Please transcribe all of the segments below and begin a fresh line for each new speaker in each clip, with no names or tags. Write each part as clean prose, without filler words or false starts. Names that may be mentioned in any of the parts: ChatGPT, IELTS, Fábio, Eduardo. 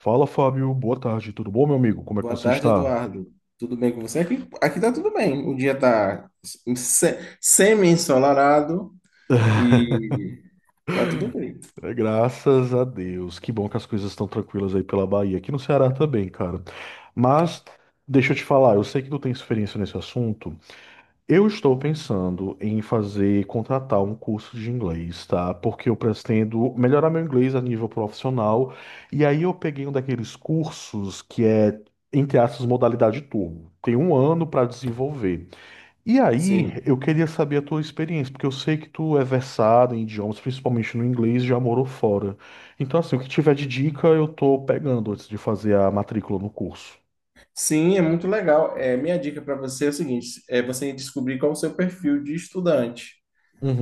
Fala, Fábio. Boa tarde. Tudo bom, meu amigo? Como é que
Boa
você
tarde,
está?
Eduardo. Tudo bem com você? Aqui tá tudo bem. O dia tá semi-ensolarado e tá tudo bem.
É, graças a Deus. Que bom que as coisas estão tranquilas aí pela Bahia. Aqui no Ceará também, cara. Mas deixa eu te falar, eu sei que tu tem experiência nesse assunto. Eu estou pensando em fazer, contratar um curso de inglês, tá? Porque eu pretendo melhorar meu inglês a nível profissional. E aí eu peguei um daqueles cursos que é, entre aspas, modalidade turbo. Tem um ano para desenvolver. E aí,
Sim.
eu queria saber a tua experiência, porque eu sei que tu é versado em idiomas, principalmente no inglês, já morou fora. Então, assim, o que tiver de dica, eu tô pegando antes de fazer a matrícula no curso.
Sim, é muito legal. Minha dica para você é o seguinte, é você descobrir qual o seu perfil de estudante.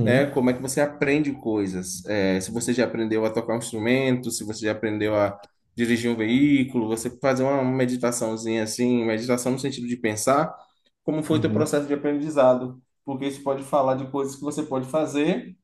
Né? Como é que você aprende coisas? Se você já aprendeu a tocar um instrumento, se você já aprendeu a dirigir um veículo, você fazer uma meditaçãozinha assim, meditação no sentido de pensar como foi o teu
uhum,
processo de aprendizado, porque isso pode falar de coisas que você pode fazer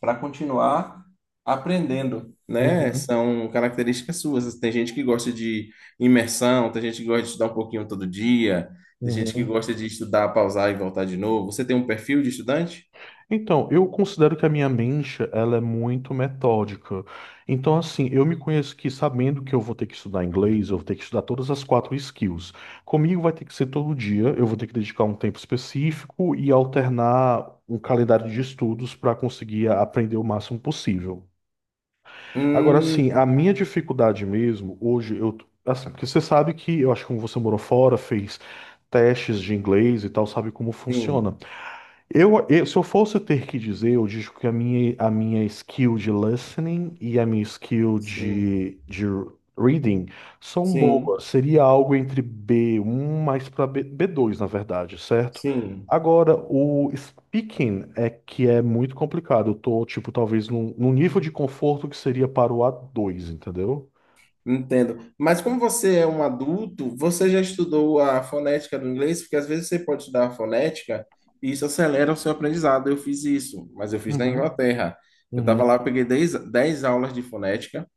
para continuar aprendendo, né?
uhum,
São características suas. Tem gente que gosta de imersão, tem gente que gosta de estudar um pouquinho todo dia, tem gente que
uhum.
gosta de estudar, pausar e voltar de novo. Você tem um perfil de estudante?
Então, eu considero que a minha mente, ela é muito metódica. Então, assim, eu me conheço que sabendo que eu vou ter que estudar inglês, eu vou ter que estudar todas as quatro skills. Comigo vai ter que ser todo dia, eu vou ter que dedicar um tempo específico e alternar um calendário de estudos para conseguir aprender o máximo possível. Agora,
Hum,
assim, a minha dificuldade mesmo, hoje eu, assim, porque você sabe que, eu acho que como você morou fora, fez testes de inglês e tal, sabe como funciona.
sim,
Se eu fosse ter que dizer, eu digo que a minha skill de listening e a minha skill
sim,
de reading são
sim,
boas. Seria algo entre B1 mais para B, B2, na verdade, certo?
sim,
Agora, o speaking é que é muito complicado. Eu tô, tipo, talvez num nível de conforto que seria para o A2, entendeu?
entendo. Mas como você é um adulto, você já estudou a fonética do inglês? Porque às vezes você pode estudar a fonética e isso acelera o seu aprendizado. Eu fiz isso, mas eu fiz na
Uhum,
Inglaterra. Eu estava lá, eu
uhum,
peguei dez aulas de fonética.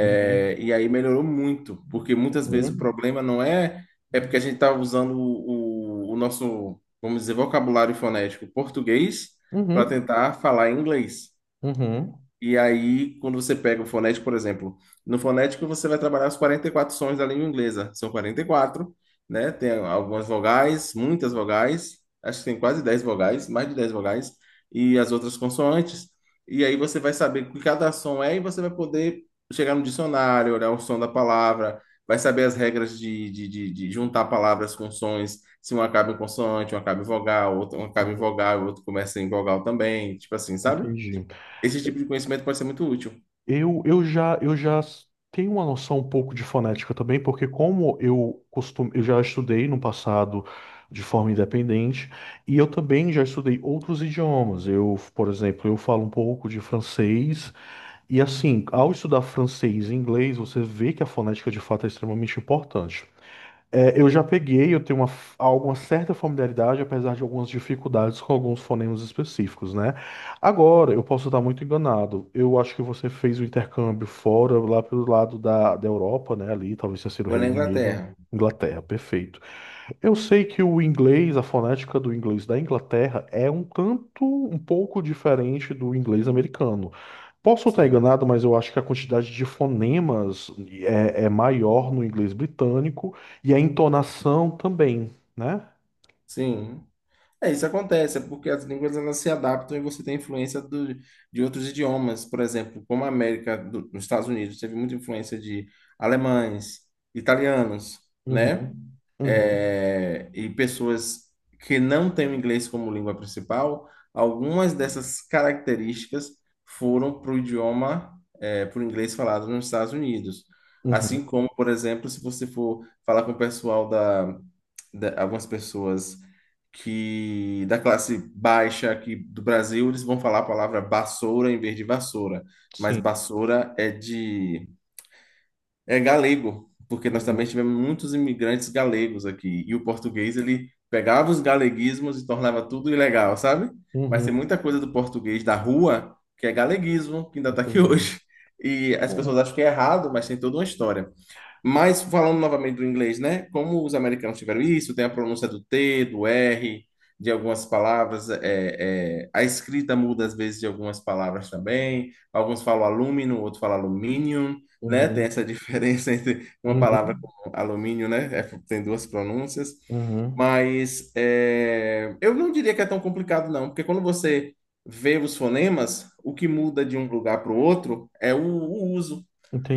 uhum,
E aí melhorou muito, porque muitas vezes o
uhum,
problema não é, é porque a gente está usando o nosso, vamos dizer, vocabulário fonético português para
uhum,
tentar falar inglês.
uhum,
E aí, quando você pega o fonético, por exemplo, no fonético você vai trabalhar os 44 sons da língua inglesa. São 44, né? Tem algumas vogais, muitas vogais, acho que tem quase 10 vogais, mais de 10 vogais, e as outras consoantes. E aí você vai saber o que cada som é e você vai poder chegar no dicionário, olhar o som da palavra, vai saber as regras de juntar palavras com sons, se uma acaba em consoante, uma acaba em vogal, outra uma acaba em
uhum.
vogal, outro começa em vogal também, tipo assim, sabe?
Entendi.
Esse tipo de conhecimento pode ser muito útil.
Eu já tenho uma noção um pouco de fonética também, porque como eu costumo, eu já estudei no passado de forma independente, e eu também já estudei outros idiomas. Eu, por exemplo, eu falo um pouco de francês, e assim, ao estudar francês e inglês, você vê que a fonética de fato é extremamente importante. É, eu já peguei, eu tenho alguma certa familiaridade, apesar de algumas dificuldades com alguns fonemas específicos, né? Agora, eu posso estar muito enganado. Eu acho que você fez o intercâmbio fora, lá pelo lado da Europa, né? Ali, talvez tenha sido o
Foi na
Reino Unido,
Inglaterra.
Inglaterra, perfeito. Eu sei que o inglês, a fonética do inglês da Inglaterra é um tanto, um pouco diferente do inglês americano. Posso estar
Sim.
enganado, mas eu acho que a quantidade de fonemas é maior no inglês britânico e a entonação também, né?
Sim. Isso acontece, é porque as línguas elas se adaptam e você tem influência de outros idiomas. Por exemplo, como a América, do, nos Estados Unidos, teve muita influência de alemães, italianos, né?
Uhum, uhum,
E pessoas que não têm o inglês como língua principal, algumas dessas características foram para o idioma, é, para o inglês falado nos Estados Unidos.
uhum,
Assim como, por exemplo, se você for falar com o pessoal da algumas pessoas que da classe baixa aqui do Brasil, eles vão falar a palavra vassoura em vez de vassoura, mas
sim,
vassoura é de galego, porque nós também
uhum,
tivemos muitos imigrantes galegos aqui. E o português, ele pegava os galeguismos e tornava tudo ilegal, sabe? Mas tem
uhum,
muita coisa do português da rua que é galeguismo, que ainda está aqui
entendi.
hoje. E as pessoas
É,
acham que é errado, mas tem toda uma história. Mas falando novamente do inglês, né? Como os americanos tiveram isso, tem a pronúncia do T, do R, de algumas palavras, a escrita muda às vezes de algumas palavras também. Alguns falam alumínio, outros falam aluminium, né? Tem
uhum,
essa diferença entre uma palavra
uhum,
como alumínio, né? É, tem duas pronúncias.
uhum,
Mas é, eu não diria que é tão complicado, não, porque quando você vê os fonemas, o que muda de um lugar para o outro é o uso.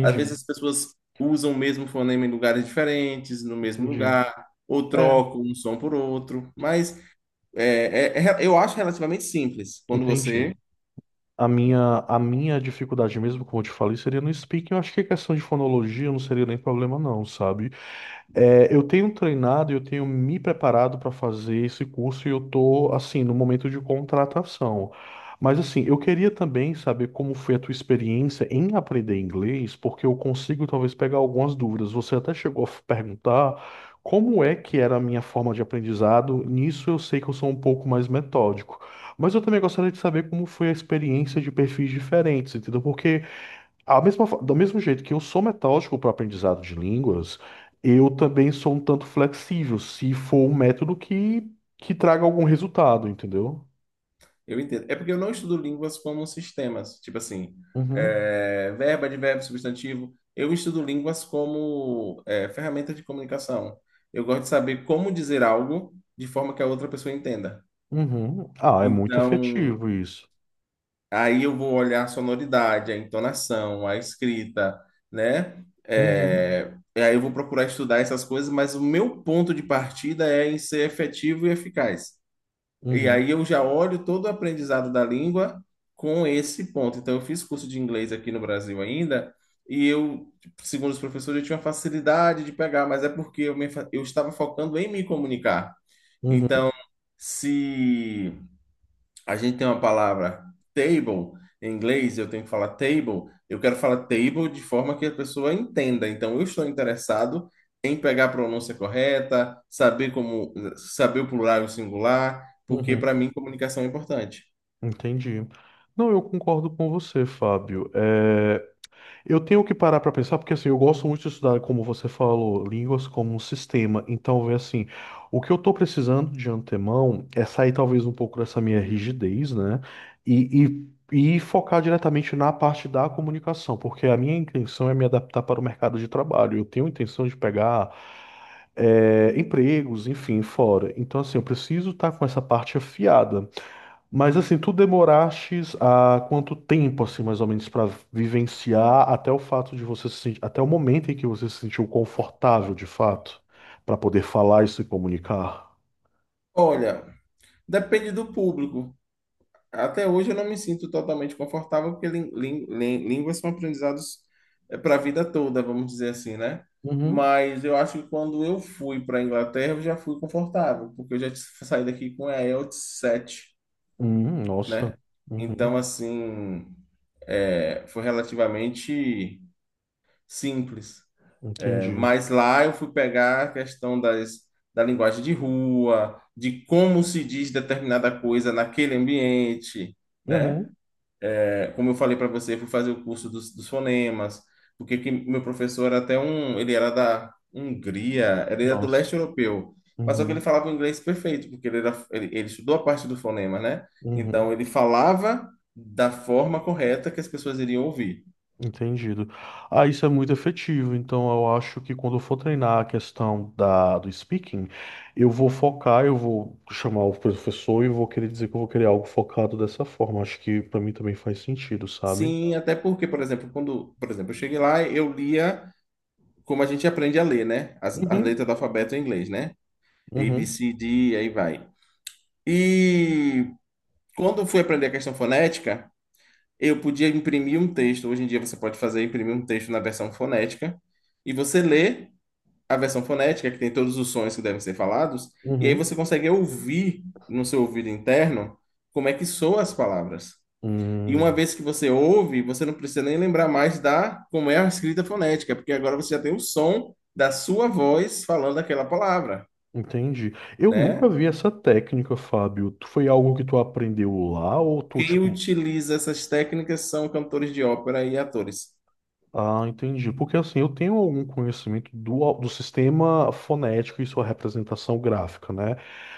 Às vezes as pessoas usam o mesmo fonema em lugares diferentes, no mesmo
entendi.
lugar, ou
É,
trocam um som por outro, mas eu acho relativamente simples quando
entendi.
você.
A minha dificuldade mesmo, como eu te falei, seria no speaking. Eu acho que a questão de fonologia não seria nem problema, não, sabe? É, eu tenho treinado, eu tenho me preparado para fazer esse curso e eu tô assim no momento de contratação. Mas assim, eu queria também saber como foi a tua experiência em aprender inglês, porque eu consigo talvez pegar algumas dúvidas. Você até chegou a perguntar como é que era a minha forma de aprendizado. Nisso eu sei que eu sou um pouco mais metódico. Mas eu também gostaria de saber como foi a experiência de perfis diferentes, entendeu? Porque do mesmo jeito que eu sou metódico para o aprendizado de línguas, eu também sou um tanto flexível, se for um método que traga algum resultado, entendeu?
Eu entendo. É porque eu não estudo línguas como sistemas, tipo assim,
Uhum,
é, verbo, advérbio, substantivo. Eu estudo línguas como é, ferramenta de comunicação. Eu gosto de saber como dizer algo de forma que a outra pessoa entenda.
uhum. Ah, é muito
Então,
efetivo isso.
aí eu vou olhar a sonoridade, a entonação, a escrita, né?
Uhum,
E aí eu vou procurar estudar essas coisas, mas o meu ponto de partida é em ser efetivo e eficaz. E
uhum,
aí eu já olho todo o aprendizado da língua com esse ponto. Então eu fiz curso de inglês aqui no Brasil ainda, e eu, segundo os professores, eu tinha facilidade de pegar, mas é porque eu estava focando em me comunicar.
uhum,
Então, se a gente tem uma palavra table em inglês, eu tenho que falar table, eu quero falar table de forma que a pessoa entenda. Então, eu estou interessado em pegar a pronúncia correta, saber como saber o plural e o singular, porque para
uhum.
mim comunicação é importante.
Entendi. Não, eu concordo com você, Fábio. Eu tenho que parar para pensar, porque assim, eu gosto muito de estudar, como você falou, línguas como um sistema. Então, vê assim, o que eu estou precisando de antemão é sair talvez um pouco dessa minha rigidez, né? E, e focar diretamente na parte da comunicação, porque a minha intenção é me adaptar para o mercado de trabalho. Eu tenho intenção de pegar empregos, enfim, fora. Então, assim, eu preciso estar com essa parte afiada. Mas assim, tu demorastes há quanto tempo, assim, mais ou menos, para vivenciar até o fato de você se sentir, até o momento em que você se sentiu confortável, de fato, para poder falar e se comunicar?
Olha, depende do público. Até hoje eu não me sinto totalmente confortável, porque línguas são aprendizados para a vida toda, vamos dizer assim, né?
Uhum.
Mas eu acho que quando eu fui para a Inglaterra, eu já fui confortável, porque saí daqui com a IELTS 7,
Nossa.
né? Então,
Uhum.
assim, é, foi relativamente simples. É,
Entendi.
mas lá eu fui pegar a questão das, da linguagem de rua, de como se diz determinada coisa naquele ambiente, né?
Uhum.
É, como eu falei para você, eu fui fazer o curso dos fonemas, porque que meu professor era até um, ele era da Hungria, ele era do
Nossa.
leste europeu, mas só que ele
Uhum.
falava o inglês perfeito, porque ele estudou a parte do fonema, né? Então
Uhum.
ele falava da forma correta que as pessoas iriam ouvir.
Entendido. Ah, isso é muito efetivo. Então, eu acho que quando eu for treinar a questão da, do speaking, eu vou focar, eu vou chamar o professor e vou querer dizer que eu vou querer algo focado dessa forma. Acho que para mim também faz sentido, sabe?
Sim, até porque, por exemplo, quando, por exemplo, eu cheguei lá, eu lia como a gente aprende a ler, né? As letras
Uhum,
do alfabeto em inglês, né? A, B,
uhum,
C, D, aí vai. E quando eu fui aprender a questão fonética, eu podia imprimir um texto. Hoje em dia você pode fazer imprimir um texto na versão fonética e você lê a versão fonética que tem todos os sons que devem ser falados e aí
uhum.
você consegue ouvir no seu ouvido interno como é que soam as palavras. E uma
Hum,
vez que você ouve, você não precisa nem lembrar mais da como é a escrita fonética, porque agora você já tem o som da sua voz falando aquela palavra,
entendi. Eu nunca
né?
vi essa técnica, Fábio. Foi algo que tu aprendeu lá ou tu,
Quem
tipo.
utiliza essas técnicas são cantores de ópera e atores.
Ah, entendi. Porque assim, eu tenho algum conhecimento do sistema fonético e sua representação gráfica, né?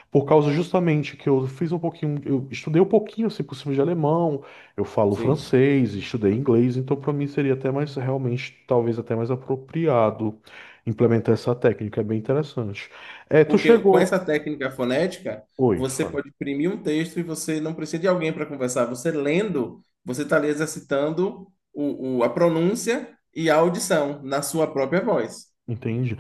Por causa justamente que eu fiz um pouquinho, eu estudei um pouquinho, se possível, de alemão, eu falo
Sim.
francês, estudei inglês, então para mim seria até mais, realmente, talvez até mais apropriado implementar essa técnica, é bem interessante. É, tu
Porque com
chegou.
essa técnica fonética,
Oi,
você
Fábio.
pode imprimir um texto e você não precisa de alguém para conversar. Você lendo, você está ali exercitando a pronúncia e a audição na sua própria voz.
Entendi.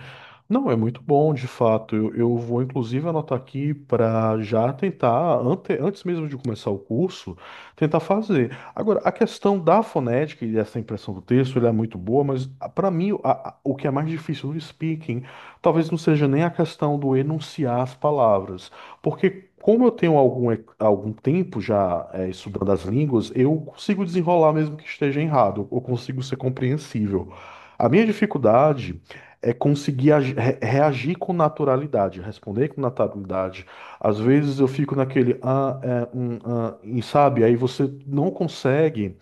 Não, é muito bom, de fato. Eu vou inclusive anotar aqui para já tentar, antes mesmo de começar o curso, tentar fazer. Agora, a questão da fonética e dessa impressão do texto, ela é muito boa, mas para mim o que é mais difícil no speaking, talvez não seja nem a questão do enunciar as palavras, porque como eu tenho algum tempo já estudando as línguas, eu consigo desenrolar mesmo que esteja errado, eu consigo ser compreensível. A minha dificuldade é conseguir reagir com naturalidade, responder com naturalidade. Às vezes eu fico naquele ah, é, ah, e sabe, aí você não consegue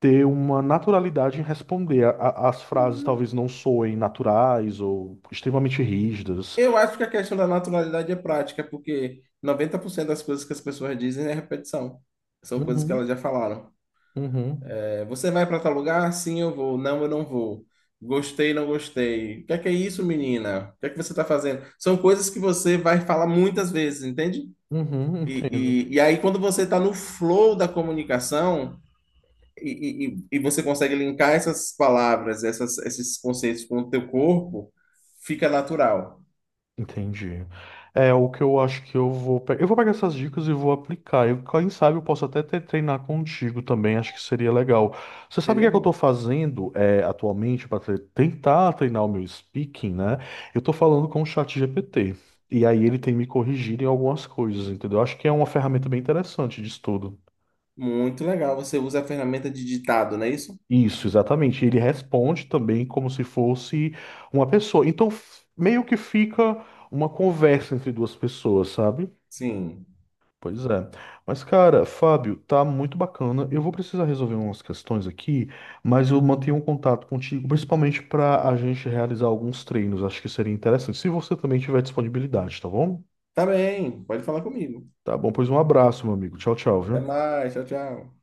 ter uma naturalidade em responder. As frases
Uhum.
talvez não soem naturais ou extremamente rígidas.
Eu acho que a questão da naturalidade é prática, porque 90% das coisas que as pessoas dizem é repetição. São coisas que elas
Uhum,
já falaram.
uhum,
É, você vai para tal lugar? Sim, eu vou. Não, eu não vou. Gostei, não gostei. O que é isso, menina? O que é que você está fazendo? São coisas que você vai falar muitas vezes, entende?
uhum, entendo.
E aí, quando você está no flow da comunicação e você consegue linkar essas palavras, essas, esses conceitos com o teu corpo, fica natural.
Entendi. É o que eu acho que eu vou pegar. Eu vou pegar essas dicas e vou aplicar. Quem sabe eu posso até treinar contigo também, acho que seria legal. Você sabe o que
Seria
é que eu estou
bom.
fazendo é, atualmente para tentar treinar o meu speaking, né? Eu estou falando com o chat GPT. E aí ele tem me corrigido em algumas coisas, entendeu? Acho que é uma ferramenta bem interessante de estudo.
Muito legal. Você usa a ferramenta de ditado, não é isso?
Isso, exatamente. Ele responde também como se fosse uma pessoa. Então, meio que fica uma conversa entre duas pessoas, sabe?
Sim.
Pois é. Mas, cara, Fábio, tá muito bacana. Eu vou precisar resolver umas questões aqui, mas eu mantenho um contato contigo, principalmente para a gente realizar alguns treinos. Acho que seria interessante, se você também tiver disponibilidade, tá bom?
Tá bem. Pode falar comigo.
Tá bom, pois um abraço, meu amigo. Tchau, tchau,
Até
viu?
mais. Tchau, tchau.